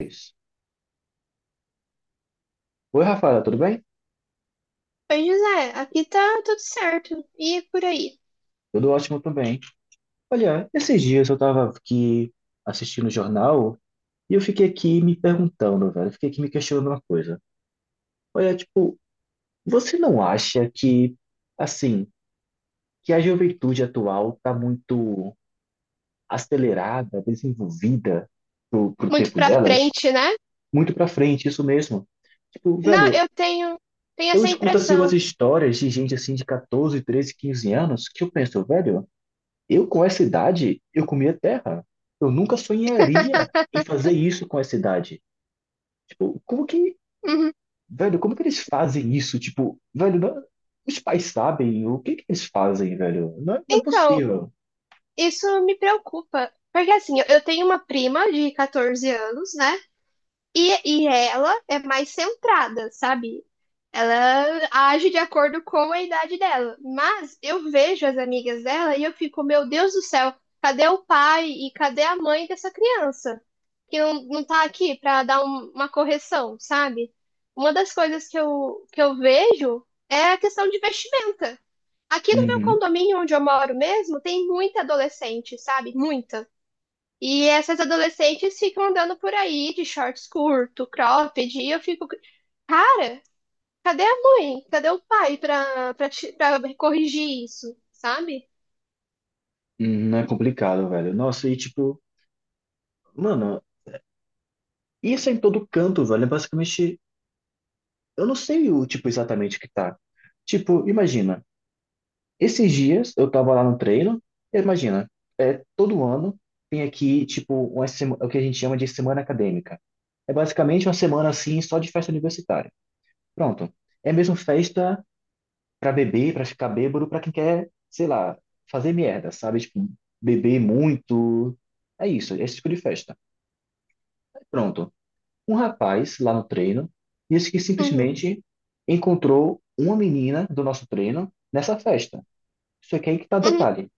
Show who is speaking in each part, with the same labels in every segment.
Speaker 1: Isso. Oi, Rafaela, tudo bem?
Speaker 2: Oi, José, aqui tá tudo certo. E por aí?
Speaker 1: Tudo ótimo também. Olha, esses dias eu estava aqui assistindo o jornal e eu fiquei aqui me perguntando, velho, eu fiquei aqui me questionando uma coisa. Olha, tipo, você não acha que, assim, que a juventude atual tá muito acelerada, desenvolvida pro
Speaker 2: Muito
Speaker 1: tempo
Speaker 2: pra
Speaker 1: delas?
Speaker 2: frente, né?
Speaker 1: Muito pra frente, isso mesmo. Tipo,
Speaker 2: Não,
Speaker 1: velho,
Speaker 2: tenho
Speaker 1: eu
Speaker 2: essa
Speaker 1: escuto assim umas
Speaker 2: impressão.
Speaker 1: histórias de gente assim de 14, 13, 15 anos que eu penso, velho. Eu, com essa idade, eu comia terra. Eu nunca sonharia em fazer isso com essa idade. Tipo, como que,
Speaker 2: Uhum.
Speaker 1: velho, como que eles fazem isso? Tipo, velho, os pais sabem o que que eles fazem, velho? Não é
Speaker 2: Então,
Speaker 1: possível.
Speaker 2: isso me preocupa. Porque assim, eu tenho uma prima de 14 anos, né? E ela é mais centrada, sabe? Ela age de acordo com a idade dela. Mas eu vejo as amigas dela e eu fico, meu Deus do céu, cadê o pai e cadê a mãe dessa criança? Que não tá aqui para dar uma correção, sabe? Uma das coisas que eu vejo é a questão de vestimenta. Aqui no meu
Speaker 1: Uhum.
Speaker 2: condomínio onde eu moro mesmo, tem muita adolescente, sabe? Muita. E essas adolescentes ficam andando por aí de shorts curto, cropped, e eu fico, cara, cadê a mãe? Cadê o pai pra corrigir isso, sabe?
Speaker 1: Uhum, não é complicado, velho. Nossa, e tipo, mano, isso é em todo canto, velho. É basicamente, eu não sei o tipo exatamente que tá. Tipo, imagina. Esses dias eu tava lá no treino, e imagina, todo ano tem aqui, tipo, o que a gente chama de semana acadêmica. É basicamente uma semana assim só de festa universitária. Pronto. É mesmo festa pra beber, pra ficar bêbado, pra quem quer, sei lá, fazer merda, sabe? Tipo, beber muito. É isso, é esse tipo de festa. Pronto. Um rapaz lá no treino disse que
Speaker 2: Uhum,
Speaker 1: simplesmente encontrou uma menina do nosso treino nessa festa. Isso aqui é que tá o
Speaker 2: uhum.
Speaker 1: detalhe.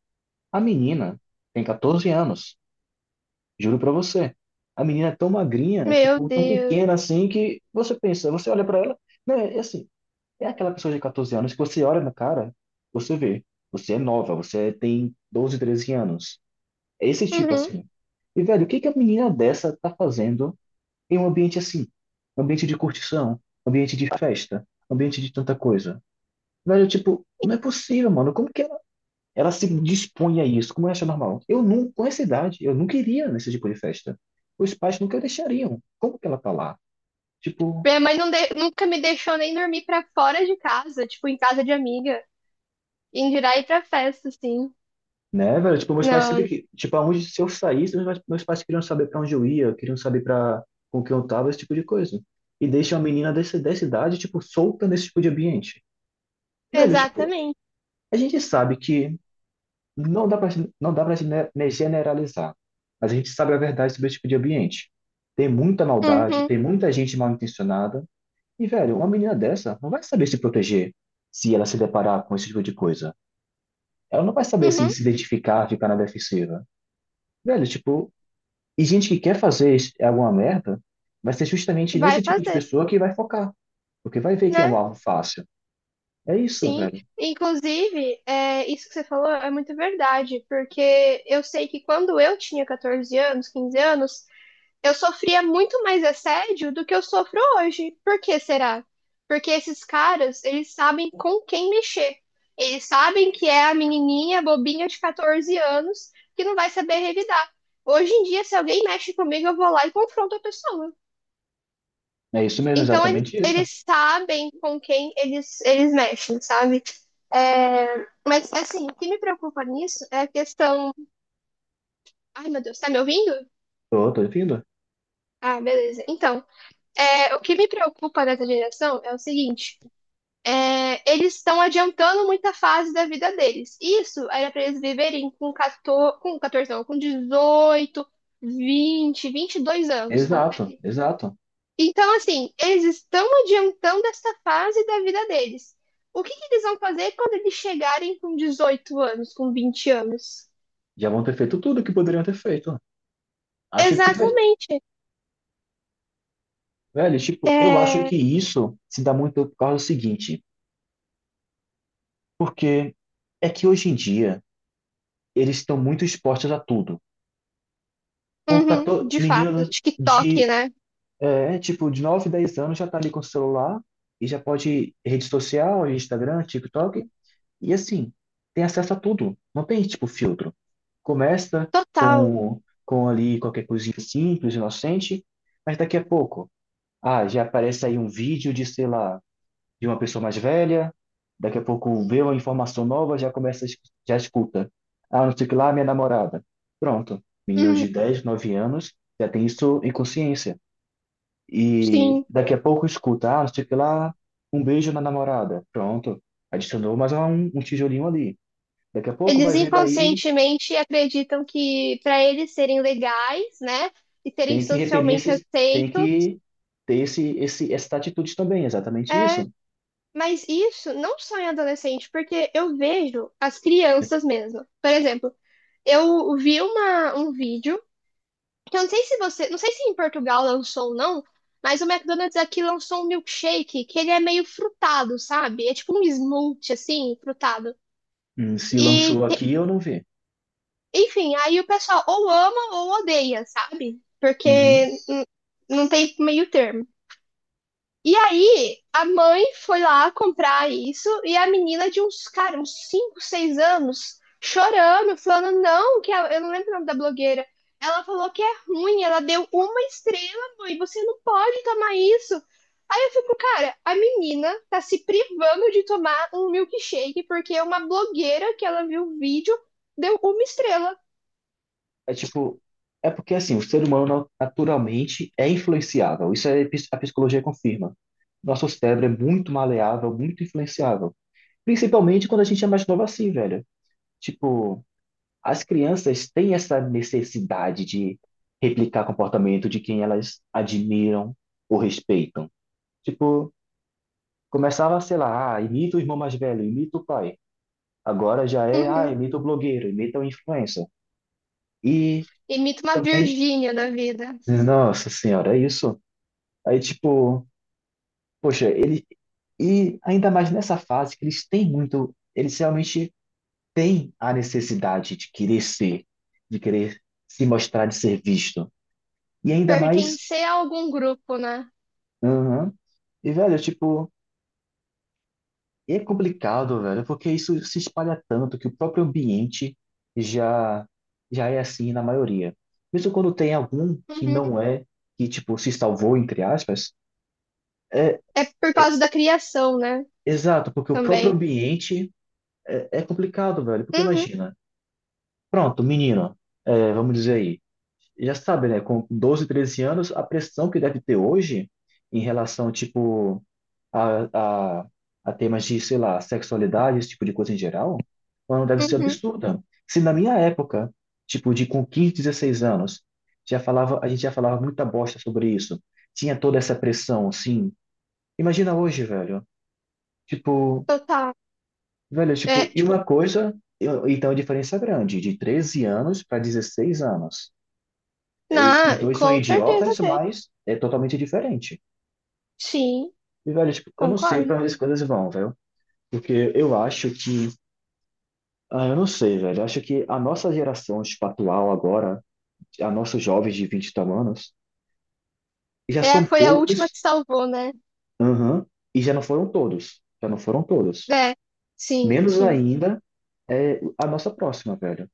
Speaker 1: A menina tem 14 anos, juro pra você. A menina é tão magrinha, é
Speaker 2: Meu
Speaker 1: tipo, tão
Speaker 2: Deus.
Speaker 1: pequena assim que você pensa, você olha pra ela, né, é assim, é aquela pessoa de 14 anos que você olha na cara, você vê, você é nova, você tem 12, 13 anos. É esse tipo
Speaker 2: Uhum.
Speaker 1: assim. E velho, o que que a menina dessa tá fazendo em um ambiente assim? Um ambiente de curtição, um ambiente de festa, um ambiente de tanta coisa. Velho, tipo, não é possível, mano. Como que ela se dispõe a isso, como eu acho normal. Eu não, com essa idade, eu não queria nesse tipo de festa. Os pais nunca deixariam. Como que ela tá lá? Tipo,
Speaker 2: Minha mãe nunca me deixou nem dormir pra fora de casa, tipo, em casa de amiga. Em dirá ir pra festa, assim.
Speaker 1: né, velho? Tipo, meus pais
Speaker 2: Não,
Speaker 1: sempre que, tipo, aonde se eu saísse, meus pais queriam saber pra onde eu ia, queriam saber para com quem eu tava, esse tipo de coisa. E deixa uma menina dessa, dessa idade, tipo, solta nesse tipo de ambiente. Velho, tipo,
Speaker 2: exatamente.
Speaker 1: a gente sabe que não dá pra, não dá pra né, generalizar, mas a gente sabe a verdade sobre esse tipo de ambiente. Tem muita maldade,
Speaker 2: Uhum,
Speaker 1: tem muita gente mal intencionada. E, velho, uma menina dessa não vai saber se proteger se ela se deparar com esse tipo de coisa. Ela não vai saber, assim,
Speaker 2: uhum.
Speaker 1: se identificar, ficar na defensiva. Velho, tipo, e gente que quer fazer alguma merda vai ser justamente nesse
Speaker 2: Vai
Speaker 1: tipo de
Speaker 2: fazer,
Speaker 1: pessoa que vai focar. Porque vai ver que é um
Speaker 2: né?
Speaker 1: alvo fácil. É isso,
Speaker 2: Sim.
Speaker 1: velho.
Speaker 2: Inclusive, é, isso que você falou é muito verdade, porque eu sei que quando eu tinha 14 anos, 15 anos, eu sofria muito mais assédio do que eu sofro hoje. Por que será? Porque esses caras, eles sabem com quem mexer. Eles sabem que é a menininha bobinha de 14 anos que não vai saber revidar. Hoje em dia, se alguém mexe comigo, eu vou lá e confronto a pessoa.
Speaker 1: É isso mesmo,
Speaker 2: Então,
Speaker 1: exatamente isso.
Speaker 2: eles sabem com quem eles mexem, sabe? É, mas, assim, o que me preocupa nisso é a questão. Ai, meu Deus, tá me ouvindo?
Speaker 1: Tô ouvindo.
Speaker 2: Ah, beleza. Então, é, o que me preocupa nessa geração é o seguinte: é, eles estão adiantando muita fase da vida deles. Isso era para eles viverem com 14, com 14 não, com 18, 20, 22 anos,
Speaker 1: Exato,
Speaker 2: confere.
Speaker 1: exato.
Speaker 2: Então, assim, eles estão adiantando essa fase da vida deles. O que eles vão fazer quando eles chegarem com 18 anos, com 20 anos?
Speaker 1: Já vão ter feito tudo que poderiam ter feito. Acho que,
Speaker 2: Exatamente.
Speaker 1: velho, tipo, eu acho
Speaker 2: É,
Speaker 1: que isso se dá muito por causa do seguinte. Porque é que hoje em dia, eles estão muito expostos a tudo. Com
Speaker 2: uhum,
Speaker 1: 14,
Speaker 2: de
Speaker 1: menino
Speaker 2: fato. TikTok,
Speaker 1: de,
Speaker 2: né?
Speaker 1: tipo, de 9 10 anos já tá ali com o celular e já pode rede social, Instagram, TikTok, e assim, tem acesso a tudo. Não tem, tipo, filtro. Começa
Speaker 2: Total.
Speaker 1: com ali qualquer coisinha simples, inocente, mas daqui a pouco, ah, já aparece aí um vídeo de, sei lá, de uma pessoa mais velha, daqui a pouco vê uma informação nova, já começa, já escuta. Ah, não sei o que lá, minha namorada. Pronto. Meninos
Speaker 2: Uhum,
Speaker 1: de 10 9 anos já tem isso em consciência. E
Speaker 2: sim.
Speaker 1: daqui a pouco escuta, ah, não sei o que lá, um beijo na namorada. Pronto. Adicionou mais um tijolinho ali. Daqui a pouco
Speaker 2: Eles
Speaker 1: vai ver daí,
Speaker 2: inconscientemente acreditam que para eles serem legais, né, e serem
Speaker 1: tem que repelir
Speaker 2: socialmente
Speaker 1: esses, tem
Speaker 2: aceitos,
Speaker 1: que ter essa atitude também, exatamente
Speaker 2: é,
Speaker 1: isso.
Speaker 2: mas isso não só em adolescente, porque eu vejo as crianças mesmo. Por exemplo, eu vi um vídeo, que eu não sei se você, não sei se em Portugal lançou ou não, mas o McDonald's aqui lançou um milkshake que ele é meio frutado, sabe? É tipo um smoothie assim, frutado.
Speaker 1: Se
Speaker 2: E
Speaker 1: lançou aqui, eu não vi.
Speaker 2: Enfim, aí o pessoal ou ama ou odeia, sabe? Porque
Speaker 1: Uhum.
Speaker 2: não tem meio termo. E aí, a mãe foi lá comprar isso e a menina de uns, cara, uns 5 ou 6 anos, chorando, falando, não, eu não lembro o nome da blogueira. Ela falou que é ruim, ela deu uma estrela, mãe, você não pode tomar isso. Aí eu fico, cara, a menina tá se privando de tomar um milkshake porque uma blogueira que ela viu o vídeo deu uma estrela.
Speaker 1: É tipo, é porque assim, o ser humano naturalmente é influenciável. Isso é, a psicologia confirma. Nosso cérebro é muito maleável, muito influenciável. Principalmente quando a gente é mais novo assim, velho. Tipo, as crianças têm essa necessidade de replicar comportamento de quem elas admiram ou respeitam. Tipo, começava, sei lá, ah, imita o irmão mais velho, imita o pai. Agora já é, ah,
Speaker 2: Uhum.
Speaker 1: imita o blogueiro, imita o influencer. E
Speaker 2: Imita uma
Speaker 1: também,
Speaker 2: Virgínia da vida.
Speaker 1: nossa senhora, é isso. Aí, tipo, poxa, ele. E ainda mais nessa fase que eles têm muito. Eles realmente têm a necessidade de querer ser, de querer se mostrar, de ser visto. E ainda mais.
Speaker 2: Pertencer a algum grupo, né?
Speaker 1: Aham. E, velho, tipo, é complicado, velho, porque isso se espalha tanto que o próprio ambiente já, já é assim na maioria. Mesmo quando tem algum que
Speaker 2: Uhum.
Speaker 1: não é, que, tipo, se salvou, entre aspas.
Speaker 2: É por causa da criação, né?
Speaker 1: Exato, porque o próprio
Speaker 2: Também.
Speaker 1: ambiente é complicado, velho, porque
Speaker 2: Uhum,
Speaker 1: imagina. Pronto, menino, vamos dizer aí. Já sabe, né? Com 12, 13 anos, a pressão que deve ter hoje em relação, tipo, a, a, a temas de, sei lá, sexualidade, esse tipo de coisa em geral, ela não deve ser
Speaker 2: uhum,
Speaker 1: absurda. Se na minha época, tipo, de com 15, 16 anos, a gente já falava muita bosta sobre isso. Tinha toda essa pressão, assim. Imagina hoje, velho. Tipo,
Speaker 2: total.
Speaker 1: velho,
Speaker 2: É,
Speaker 1: tipo, e
Speaker 2: tipo,
Speaker 1: uma coisa, então a diferença é grande, de 13 anos para 16 anos. E os
Speaker 2: na,
Speaker 1: dois são
Speaker 2: com certeza
Speaker 1: idiotas,
Speaker 2: tem.
Speaker 1: mas é totalmente diferente.
Speaker 2: Sim,
Speaker 1: E, velho, tipo, eu não sei
Speaker 2: concordo.
Speaker 1: para onde as coisas vão, velho. Porque eu acho que. Ah, eu não sei, velho. Eu acho que a nossa geração, tipo, atual agora, a nossos jovens de 20 e tal anos, já
Speaker 2: É,
Speaker 1: são
Speaker 2: foi a última
Speaker 1: poucos,
Speaker 2: que salvou, né?
Speaker 1: aham, e já não foram todos. Já não foram todos.
Speaker 2: É, sim,
Speaker 1: Menos
Speaker 2: sim.
Speaker 1: ainda é a nossa próxima, velho.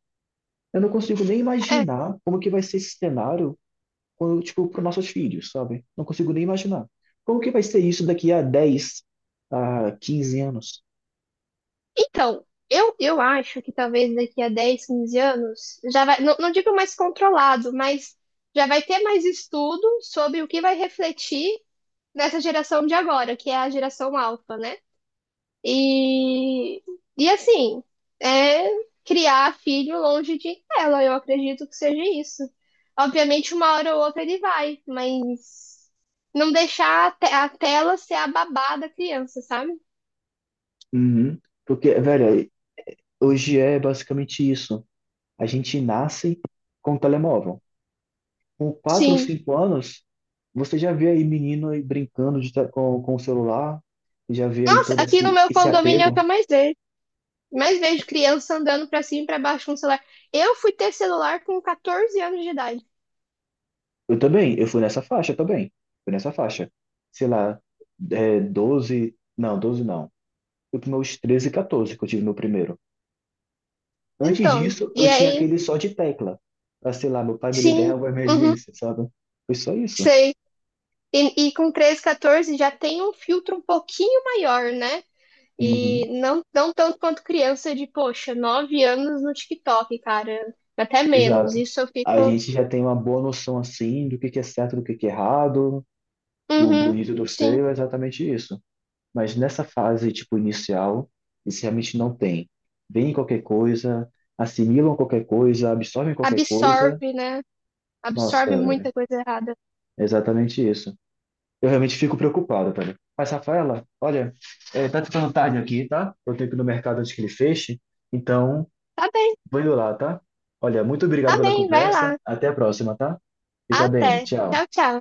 Speaker 1: Eu não consigo nem
Speaker 2: É,
Speaker 1: imaginar como que vai ser esse cenário quando, tipo, para nossos filhos, sabe? Não consigo nem imaginar. Como que vai ser isso daqui a 10 a 15 anos?
Speaker 2: então, eu acho que talvez daqui a 10, 15 anos, já vai, não digo mais controlado, mas já vai ter mais estudo sobre o que vai refletir nessa geração de agora, que é a geração alfa, né? E, e assim, é criar filho longe de tela, eu acredito que seja isso. Obviamente, uma hora ou outra ele vai, mas não deixar a tela ser a babá da criança, sabe?
Speaker 1: Uhum. Porque, velho, hoje é basicamente isso. A gente nasce com telemóvel. Com quatro ou
Speaker 2: Sim.
Speaker 1: cinco anos, você já vê aí menino aí brincando com o celular, já vê aí
Speaker 2: Nossa,
Speaker 1: todo
Speaker 2: aqui no
Speaker 1: esse,
Speaker 2: meu
Speaker 1: esse
Speaker 2: condomínio é o que
Speaker 1: apego.
Speaker 2: eu mais vejo. Mais vejo criança andando pra cima e pra baixo com celular. Eu fui ter celular com 14 anos de idade.
Speaker 1: Eu também, eu fui nessa faixa também. Fui nessa faixa. Sei lá, 12, não, 12 não. Fui para meus 13 e 14 que eu tive meu primeiro. Antes
Speaker 2: Então,
Speaker 1: disso, eu
Speaker 2: e
Speaker 1: tinha
Speaker 2: aí,
Speaker 1: aquele só de tecla. Pra, sei lá, meu pai me ligar em
Speaker 2: sim,
Speaker 1: alguma
Speaker 2: uhum,
Speaker 1: emergência, sabe? Foi só isso.
Speaker 2: sei. E com 13, 14 já tem um filtro um pouquinho maior, né? E
Speaker 1: Uhum,
Speaker 2: não, não tanto quanto criança de, poxa, 9 anos no TikTok, cara. Até menos.
Speaker 1: exato.
Speaker 2: Isso eu
Speaker 1: A
Speaker 2: fico,
Speaker 1: gente já tem uma boa noção, assim, do que é certo, do que é errado, do
Speaker 2: uhum,
Speaker 1: bonito e do
Speaker 2: sim.
Speaker 1: feio, é exatamente isso. Mas nessa fase, tipo, inicial, isso realmente não tem. Vem qualquer coisa, assimilam qualquer coisa, absorvem qualquer
Speaker 2: Absorve,
Speaker 1: coisa.
Speaker 2: né?
Speaker 1: Nossa,
Speaker 2: Absorve muita coisa errada.
Speaker 1: é exatamente isso. Eu realmente fico preocupado, tá ligado? Mas, Rafaela, olha, tá ficando tarde aqui, tá? Eu tenho que ir no mercado antes que ele feche, então
Speaker 2: Tá bem,
Speaker 1: vou indo lá, tá? Olha, muito obrigado
Speaker 2: tá
Speaker 1: pela
Speaker 2: bem, vai
Speaker 1: conversa.
Speaker 2: lá.
Speaker 1: Até a próxima, tá? Fica bem,
Speaker 2: Até.
Speaker 1: tchau.
Speaker 2: Tchau, tchau.